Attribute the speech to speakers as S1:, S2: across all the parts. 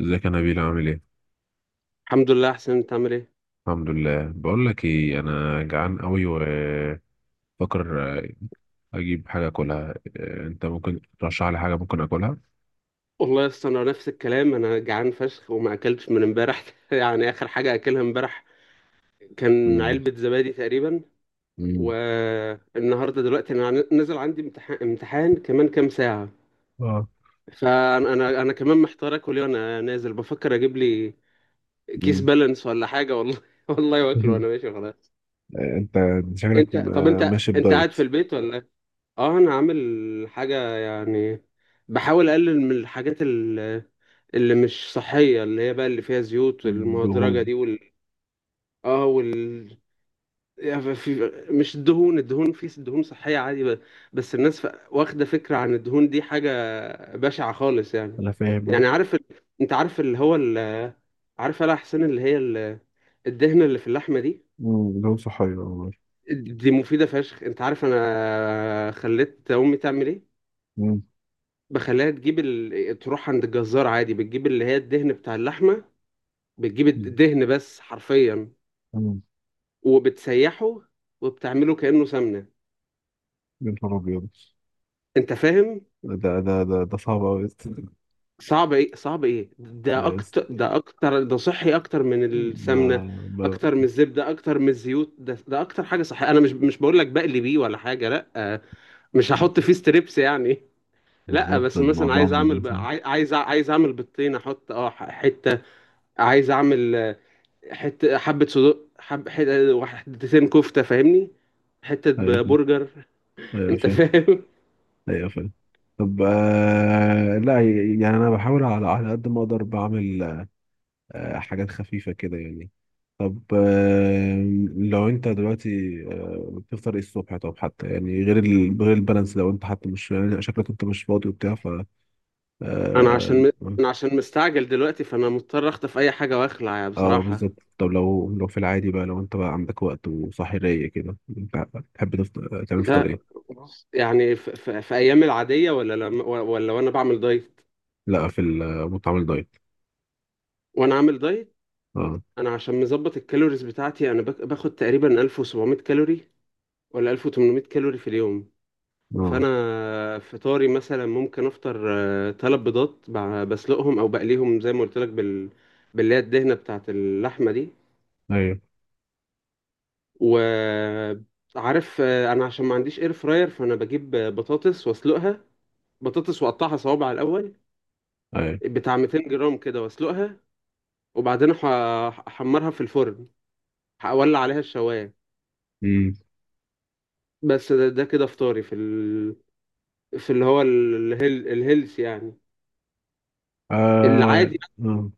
S1: ازيك يا نبيل عامل ايه؟
S2: الحمد لله، احسن. انت عامل ايه؟
S1: الحمد لله، بقول لك ايه، انا جعان قوي وفكر اجيب حاجه اكلها إيه، انت ممكن ترشح لي حاجه ممكن اكلها؟
S2: والله يا اسطى، انا نفس الكلام، انا جعان فشخ وما اكلتش من امبارح يعني اخر حاجه اكلها امبارح كان
S1: مم.
S2: علبه زبادي تقريبا.
S1: مم.
S2: والنهارده دلوقتي انا نازل، عندي امتحان، كمان كام ساعه.
S1: اه.
S2: فانا انا انا كمان محتار اكل ايه وانا نازل، بفكر اجيب لي كيس
S1: مم.
S2: بالانس ولا حاجه، والله والله واكله وانا ماشي خلاص.
S1: انت شكلك
S2: انت طب انت
S1: ماشي
S2: انت قاعد
S1: بدايت.
S2: في البيت ولا إيه؟ اه، انا عامل حاجه يعني، بحاول اقلل من الحاجات اللي مش صحية، اللي هي بقى اللي فيها زيوت
S1: دهون.
S2: المهدرجة دي، اه وال يعني في، مش الدهون، في دهون صحية عادي، بس الناس، واخدة فكرة عن الدهون دي حاجة بشعة خالص يعني.
S1: انا فاهم اه.
S2: يعني عارف انت عارف اللي هو عارف يا حسين اللي هي الدهنة اللي في اللحمة دي،
S1: مم. دهون صحية والله.
S2: دي مفيدة فشخ. انت عارف انا خليت امي تعمل ايه؟
S1: مم.
S2: بخليها تجيب تروح عند الجزار عادي، بتجيب اللي هي الدهن بتاع اللحمة، بتجيب
S1: مم.
S2: الدهن بس حرفيا،
S1: مم.
S2: وبتسيحه وبتعمله كأنه سمنة.
S1: يا نهار أبيض.
S2: انت فاهم؟
S1: ده صعب أوي.
S2: صعب ايه، صعب ايه؟ ده
S1: لا يس-
S2: اكتر، ده اكتر، ده صحي اكتر من
S1: ما
S2: السمنة،
S1: ما
S2: اكتر من الزبدة، اكتر من الزيوت. ده اكتر حاجة صحية. انا مش بقول لك بقلي بيه ولا حاجة، لا، مش هحط فيه ستريبس يعني. لا
S1: بالظبط،
S2: بس مثلا
S1: الموضوع مدوس.
S2: عايز اعمل بالطين، احط حتة. عايز اعمل، حتة، حبة صدق، حتتين كفتة فاهمني، حتة
S1: أيوة.
S2: برجر.
S1: أيوة.
S2: انت فاهم؟
S1: ايوه فاهم. طب آه، لا يعني انا بحاول على قد ما اقدر بعمل حاجات خفيفه كده يعني. طب آه، لو انت دلوقتي بتفطر ايه الصبح؟ طب حتى يعني غير البالانس، لو انت حتى مش يعني شكلك انت مش فاضي وبتاع، ف
S2: انا
S1: اه,
S2: عشان م... انا عشان مستعجل دلوقتي، فانا مضطر اخطف اي حاجه واخلع يعني
S1: آه
S2: بصراحه.
S1: بالظبط. طب لو في العادي بقى، لو انت بقى عندك وقت وصاحي رايق كده، انت تحب تفطر تعمل فطار
S2: ده
S1: ايه؟
S2: يعني في ايام العاديه ولا ولا وانا بعمل دايت؟
S1: لا في ال- مطعم الدايت.
S2: وانا عامل دايت،
S1: اه.
S2: انا عشان مظبط الكالوريز بتاعتي، انا باخد تقريبا 1700 كالوري ولا 1800 كالوري في اليوم.
S1: اه.
S2: فانا فطاري مثلا، ممكن افطر تلات بيضات، بسلقهم او بقليهم زي ما قلت لك باللي هي الدهنه بتاعت اللحمه دي.
S1: ايوه.
S2: وعارف، انا عشان ما عنديش اير فراير، فانا بجيب بطاطس واسلقها، بطاطس واقطعها صوابع الاول
S1: ايوه.
S2: بتاع 200 جرام كده، واسلقها، وبعدين احمرها في الفرن، اولع عليها الشوايه. بس ده كده فطاري في في اللي هو الهيلث يعني،
S1: آه.
S2: العادي.
S1: آه.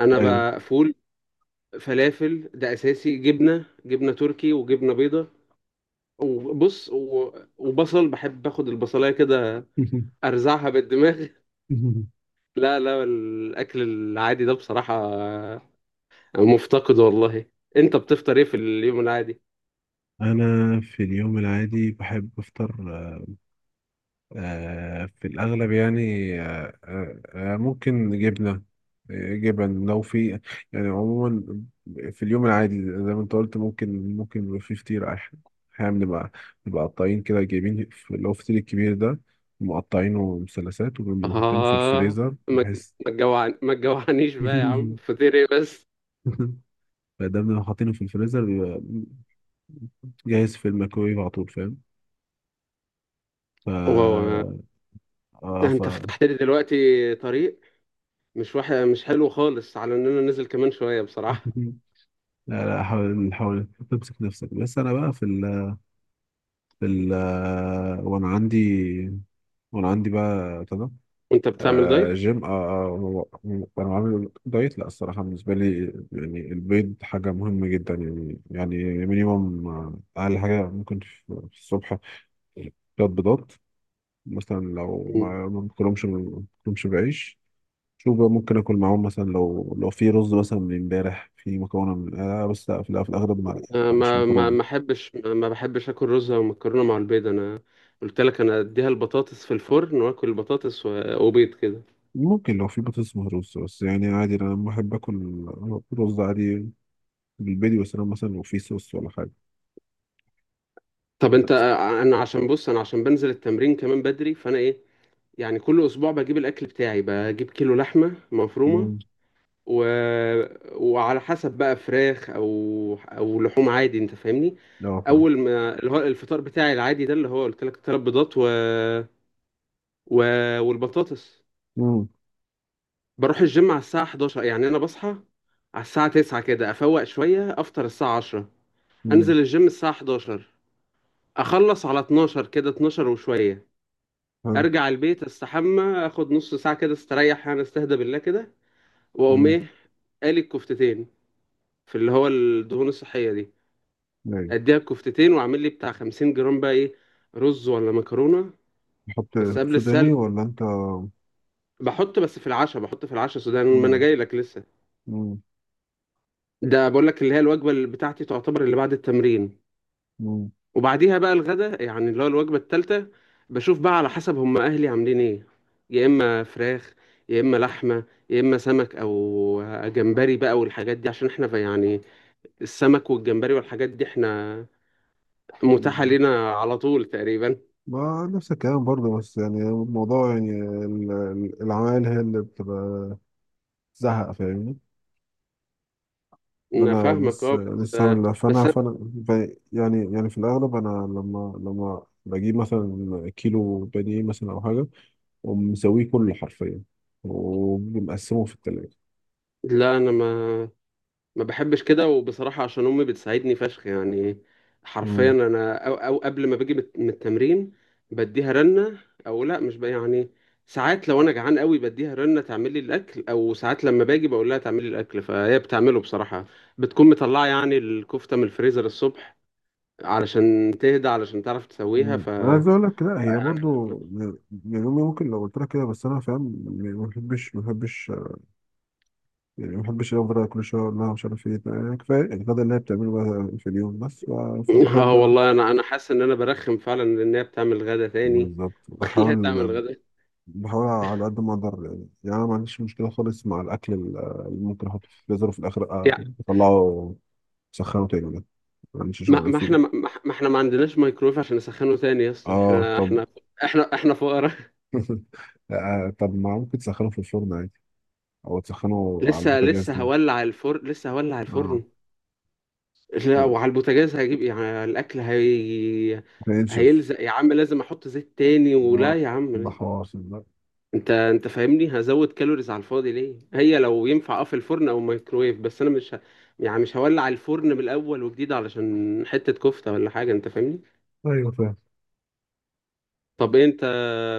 S2: انا
S1: أيوه.
S2: بقى فول، فلافل ده اساسي، جبنه تركي وجبنه بيضه، وبص و... وبصل، بحب اخد البصلايه كده، ارزعها بالدماغ. لا لا، الأكل العادي ده بصراحة مفتقد والله. أنت بتفطر إيه في اليوم العادي؟
S1: أنا في اليوم العادي بحب أفطر آه، في الأغلب يعني. آه. آه. آه، ممكن جبنة، آه، جبن لو في. يعني عموما في اليوم العادي، زي ما أنت قلت، ممكن يبقى أحيانا بنبقى قطعين كده اللي هو الفطير الكبير ده، مقطعينه مثلثات، وبنبقى حاطينه في
S2: آه،
S1: الفريزر
S2: ما
S1: بحيث.
S2: ما تجوعنيش بقى يا عم، فطير إيه بس؟
S1: فده بنبقى حاطينه في الفريزر جاهز في الميكرويف على طول، فاهم. ف
S2: واو،
S1: اه
S2: ده
S1: ف.
S2: أنت فتحت لي دلوقتي طريق، مش واحد. مش حلو خالص على إن أنا نزل كمان شوية بصراحة.
S1: لا لا، حاول، تمسك نفسك. بس انا بقى في ال في ال وانا عندي، بقى ابتدى.
S2: أنت بتعمل
S1: آه،
S2: دايت؟
S1: جيم. آه، وانا عامل دايت. لا الصراحه بالنسبه لي، يعني البيض حاجه مهمه جدا يعني، مينيموم، آه، اقل حاجه ممكن في الصبح ثلاث بيضات. مثلا لو
S2: مم.
S1: ما باكلهمش بعيش. شوف بقى، ممكن اكل معاهم مثلا لو في رز، مثلا من امبارح في مكرونه من آه، بس لا في الأغ- في الاغلب ما.
S2: أنا
S1: لا، مش
S2: ما ما ما
S1: مكرونه.
S2: أحبش ما ما بحبش آكل رز أو مكرونة مع البيض. أنا قلت لك، أنا أديها البطاطس في الفرن وآكل البطاطس وبيض كده.
S1: ممكن لو في بطاطس مهروسه، بس يعني عادي انا لما بحب اكل رز عادي بالبيض، بس انا مثلا لو في صوص ولا حاجه
S2: طب انت،
S1: بس.
S2: انا عشان بص انا عشان بنزل التمرين كمان بدري، فانا ايه، يعني كل اسبوع بجيب الاكل بتاعي، بجيب كيلو لحمه مفرومه
S1: مم.
S2: و... وعلى حسب بقى فراخ او لحوم عادي، انت فاهمني.
S1: لا فاهم.
S2: اول ما اللي هو الفطار بتاعي العادي ده، اللي هو قلت لك ثلاث بيضات و... والبطاطس.
S1: مم.
S2: بروح الجيم على الساعه 11، يعني انا بصحى على الساعه 9 كده، افوق شويه، افطر الساعه 10،
S1: مم.
S2: انزل الجيم الساعه 11، اخلص على 12 كده، 12 وشويه،
S1: حلو.
S2: ارجع البيت، استحمى، اخد نص ساعه كده استريح، يعني استهدى بالله كده. واقوم
S1: مم.
S2: ايه؟ قالي الكفتتين في اللي هو الدهون الصحيه دي،
S1: ايوه.
S2: اديها الكفتتين واعمل لي بتاع 50 جرام بقى ايه، رز ولا مكرونه،
S1: تحط
S2: بس قبل السلق.
S1: سوداني ولا انت؟
S2: بحط بس في العشاء سودان، ما انا
S1: مم.
S2: جاي لك لسه.
S1: مم.
S2: ده بقول لك اللي هي الوجبه اللي بتاعتي تعتبر اللي بعد التمرين،
S1: مم.
S2: وبعديها بقى الغدا يعني، اللي هو الوجبة التالتة. بشوف بقى على حسب هم أهلي عاملين إيه، يا إما فراخ، يا إما لحمة، يا إما سمك أو جمبري بقى، والحاجات دي عشان إحنا يعني، السمك والجمبري والحاجات دي إحنا متاحة
S1: مم.
S2: لنا على طول تقريبا.
S1: ما نفس الكلام برضه، بس يعني الموضوع يعني، العمايل هي اللي بتبقى زهق، فاهمني. إن
S2: أنا
S1: انا
S2: فاهمك أه، بس
S1: لسه عامل ده.
S2: بس أنا-
S1: يعني في الاغلب انا لما بجيب مثلا كيلو بانيه مثلا او حاجه، ومسويه كله حرفيا ومقسمه في التلاجة.
S2: لا أنا ما بحبش كده، وبصراحة عشان أمي بتساعدني فشخ يعني. حرفيا
S1: مم.
S2: أنا أو قبل ما باجي من التمرين، بديها رنة. أو لأ، مش بقى يعني. ساعات لو أنا جعان قوي بديها رنة تعمل لي الأكل، أو ساعات لما باجي بقول لها تعمل لي الأكل، فهي بتعمله بصراحة. بتكون مطلعة يعني الكفتة من الفريزر الصبح علشان تهدى، علشان تعرف تسويها،
S1: مم. انا عايز اقول لك، لا
S2: لا
S1: هي
S2: يعني.
S1: برضو يعني امي ممكن لو قلت لها كده، بس انا فاهم يعني، ما بحبش يعني، ما بحبش افضل كل شويه اقول لها مش عارف ايه، يعني كفايه الغدا اللي هي بتعمله بقى في اليوم بس،
S2: اه
S1: فبحب انا.
S2: والله، أنا حاسس إن أنا برخم فعلا لأن هي بتعمل غدا تاني
S1: بالظبط.
S2: وبخليها تعمل غدا.
S1: بحاول على قد ما اقدر، يعني انا ما عنديش مشكله خالص مع اللي ممكن احطه في الفريزر، وفي الاخر يعني اطلعه سخنه تاني، ده ما عنديش
S2: ما,
S1: شغل
S2: ما احنا
S1: فيه.
S2: ما, ما احنا ما عندناش مايكرويف عشان نسخنه تاني يا اسطى،
S1: اه
S2: احنا
S1: طب.
S2: احنا احنا احنا فقراء.
S1: آه، طب ما ممكن تسخنه في الفرن عادي، او تسخنه على
S2: لسه
S1: البوتاجاز
S2: لسه
S1: تاني.
S2: هولع الفرن، لسه هولع
S1: اه،
S2: الفرن. لا، وعلى البوتاجاز هجيب ايه؟ يعني الاكل هي
S1: ينشف.
S2: هيلزق يا عم، لازم احط زيت تاني
S1: اه،
S2: ولا، يا عم
S1: ده
S2: ليه؟
S1: حوار ده.
S2: انت فاهمني، هزود كالوريز على الفاضي ليه؟ هي لو ينفع اه في الفرن او مايكرويف، بس انا مش يعني مش هولع الفرن من الاول وجديد علشان حتة كفتة ولا حاجة، انت فاهمني.
S1: ايوه فاهم.
S2: طب إيه انت،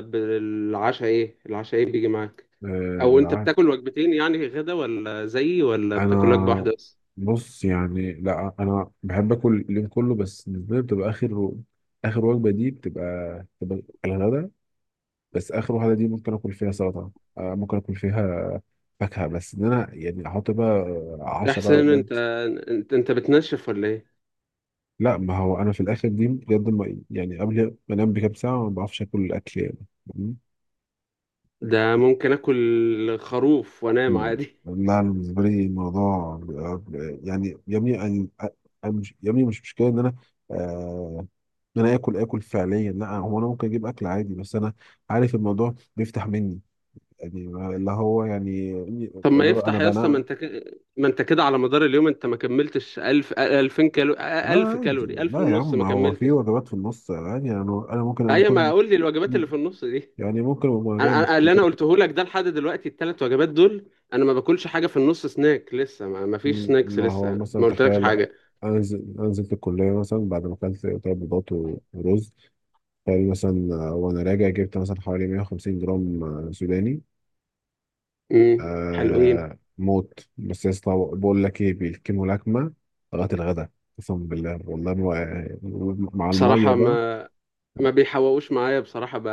S2: بالعشاء ايه؟ العشاء ايه بيجي معاك،
S1: آه
S2: او انت
S1: العاد،
S2: بتاكل وجبتين يعني غدا ولا زيي، ولا بتاكل وجبه
S1: انا
S2: واحده بس؟
S1: بص يعني، لا انا بحب اكل اليوم كله، بس بالنسبه لي بتبقى اخر وجبه دي بتبقى الغدا، بس اخر واحده دي ممكن اكل فيها سلطه، آه، ممكن اكل فيها فاكهه، بس ان انا يعني احط بقى
S2: يا
S1: عشاء بقى
S2: حسين انت
S1: بجد.
S2: انت انت بتنشف ولا ايه؟
S1: لا ما هو انا في الاخر دي بجد ما يعني قبل ما انام بكام ساعه ما بعرفش اكل الاكل يعني. مم.
S2: ده ممكن اكل خروف وانام
S1: مم.
S2: عادي.
S1: لا أنا بالنسبه لي يعني يا ابني أنا مش يا ابني، مش مشكله ان انا آه ان انا اكل اكل فعليا، لا هو انا ممكن اجيب اكل عادي، بس انا عارف الموضوع بيفتح مني يعني، اللي هو يعني
S2: طب ما
S1: اللي هو انا
S2: يفتح يا اسطى،
S1: بنام.
S2: ما انت كده على مدار اليوم انت ما كملتش 1000 2000 كالوري،
S1: لا
S2: 1000
S1: عادي،
S2: كالوري، 1000
S1: لا يا
S2: ونص
S1: عم،
S2: ما
S1: هو في
S2: كملتش.
S1: وجبات في النص عادي، يعني انا ممكن
S2: ايوه، ما
S1: اكون
S2: اقول لي الوجبات اللي في النص دي.
S1: يعني، ممكن ابقى جاي من
S2: اللي انا
S1: الكلية،
S2: قلته لك ده لحد دلوقتي الثلاث وجبات دول، انا ما باكلش حاجه في النص، سناك لسه، ما فيش سناكس
S1: ما
S2: لسه،
S1: هو مثلا
S2: ما قلتلكش
S1: تخيل،
S2: حاجه.
S1: انزل الكليه مثلا بعد ما اكلت ثلاث بيضات ورز، تخيل مثلا آه، وانا راجع جبت مثلا حوالي 150 جرام آه، سوداني.
S2: حلوين.
S1: آه، موت. بس يا اسطى بقول لك ايه، بيكموا لكمه لغايه الغدا، قسما بالله والله ما، مع الميه
S2: بصراحة
S1: بقى.
S2: ما بيحوقوش معايا بصراحة،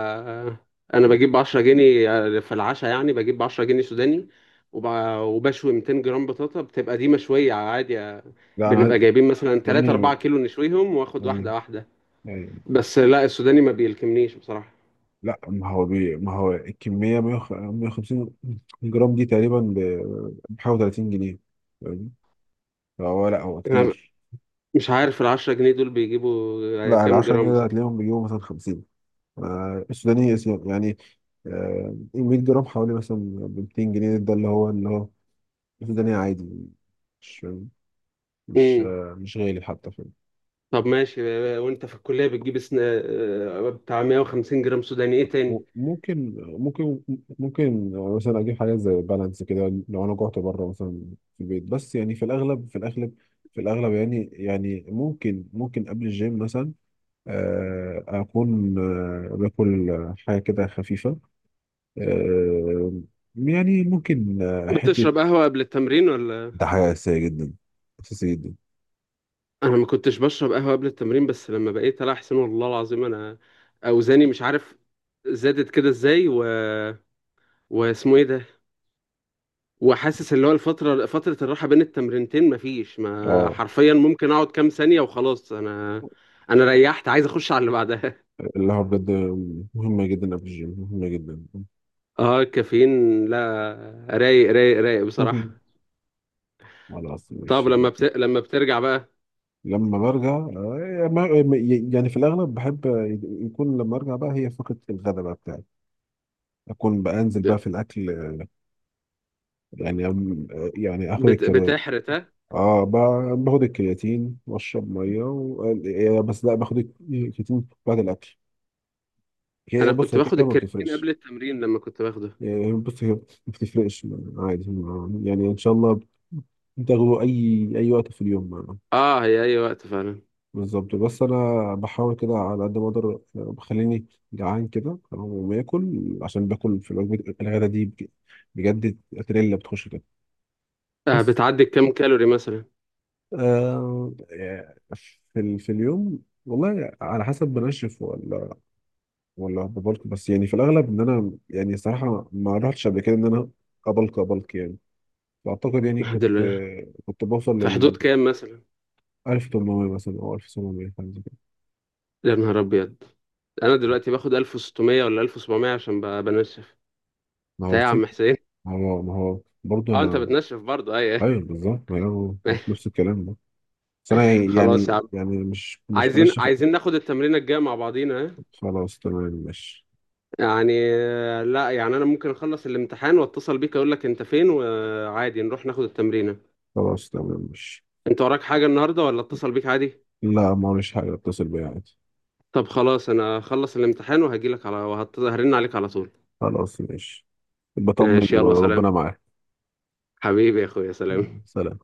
S2: أنا بجيب 10 جنيه في العشاء، يعني بجيب 10 جنيه سوداني، وب... وبشوي 200 جرام بطاطا، بتبقى دي مشوية عادي،
S1: لا انا عايز
S2: بنبقى جايبين مثلا
S1: يا
S2: 3 4
S1: ابني
S2: كيلو نشويهم، واخد
S1: يعني.
S2: واحدة واحدة.
S1: يعني
S2: بس لا، السوداني ما بيلكمنيش بصراحة.
S1: لا ما هو بي... ما هو الكمية 150 جرام دي تقريبا بحوالي 30 جنيه، فاهم؟ فهو لا هو
S2: أنا
S1: كتير.
S2: مش عارف ال 10 جنيه دول بيجيبوا
S1: لا ال
S2: كام
S1: 10 جنيه
S2: جرام
S1: ده
S2: بصراحة.
S1: هتلاقيهم بيجيبوا مثلا 50، يعني آه، 100 جرام حوالي، مثلا ب 200 جنيه، ده اللي هو السوداني عادي، مش مش
S2: امم
S1: آه، مش غالي حتى.
S2: طب ماشي. وأنت في الكلية بتجيب بتاع 150 جرام سوداني إيه تاني؟
S1: ممكن. ممكن مثلا اجيب حاجات زي بالانس كده لو انا جعت بره مثلا، في البيت بس، يعني في الاغلب يعني، ممكن قبل الجيم مثلا آه، اكون آه، باكل حاجه كده خفيفه، آه، يعني ممكن آه، حته.
S2: بتشرب قهوة قبل التمرين ولا؟
S1: ده حاجة أساسية جدا، اساسيه جدا.
S2: انا ما كنتش بشرب قهوه قبل التمرين، بس لما بقيت العب حسين والله العظيم، انا اوزاني مش عارف زادت كده ازاي، واسمه ايه ده، وحاسس اللي هو فتره الراحه بين التمرينتين مفيش، ما
S1: اه،
S2: حرفيا ممكن اقعد كام ثانيه وخلاص، انا ريحت، عايز اخش على اللي بعدها.
S1: اللي هو بجد مهمه جدا قبل الجيم، مهمه جدا.
S2: اه الكافيين لا، رايق رايق رايق بصراحه.
S1: خلاص،
S2: طب
S1: مش.
S2: لما لما بترجع بقى،
S1: لما برجع يعني في الاغلب بحب يكون لما ارجع بقى، هي فقره الغداء بقى بتاعي، اكون بقى انزل بقى في الاكل، آه، يعني آه، يعني اخد الكرياتين.
S2: بتحرق ها؟
S1: اه، باخد الكرياتين واشرب ميه و... آه، آه، بس لا باخد الكرياتين بعد الاكل. هي
S2: انا
S1: بص
S2: كنت
S1: هي كده
S2: باخد
S1: كده ما
S2: الكرياتين
S1: بتفرقش.
S2: قبل التمرين لما كنت باخده.
S1: يعني بص هي ما بتفرقش عادي، يعني ان شاء الله بتاخده اي وقت في اليوم.
S2: اه، هي اي وقت فعلا.
S1: بالظبط. بس انا بحاول كده على قد ما اقدر آه، بخليني جعان كده تمام، وما اكل عشان باكل في الوجبه الغدا دي بجد، تريلا بتخش كده. بس
S2: بتعدي كام كالوري مثلا؟
S1: آه، آه، في اليوم والله على حسب، بنشف ولا ببلك، بس يعني في الاغلب ان انا يعني صراحه ما رحتش قبل كده ان انا ابلك يعني. فاعتقد يعني
S2: دلوقتي،
S1: كنت بوصل
S2: في
S1: لل
S2: حدود كام مثلا؟
S1: 1800 مثلا او 1700، حاجه زي كده.
S2: يا نهار ابيض، انا دلوقتي باخد 1600 ولا 1700 عشان بنشف،
S1: ما
S2: تا
S1: هو
S2: يا
S1: سيك-
S2: عم حسين.
S1: ما هو برضه
S2: اه انت
S1: انا.
S2: بتنشف برضه، اي؟
S1: ايوه بالظبط، ما هو
S2: أي.
S1: نفس الكلام ده، بس انا
S2: خلاص يا
S1: يعني،
S2: عم،
S1: يعني مش
S2: عايزين
S1: بنشف.
S2: عايزين ناخد التمرينه الجايه مع بعضينا، ها؟
S1: خلاص تمام ماشي.
S2: يعني لا يعني، انا ممكن اخلص الامتحان واتصل بيك، اقول لك انت فين، وعادي نروح ناخد التمرينه.
S1: خلاص تمام ماشي.
S2: انت وراك حاجه النهارده ولا اتصل بيك عادي؟
S1: لا ما هوش حاجة، اتصل بيها عادي.
S2: طب خلاص، انا اخلص الامتحان وهجيلك على، وهرن عليك على طول.
S1: خلاص ماشي. بطمني
S2: ماشي
S1: بقى،
S2: يلا،
S1: ربنا
S2: سلام.
S1: معاك.
S2: حبيبي يا اخويا، سلام.
S1: سلام.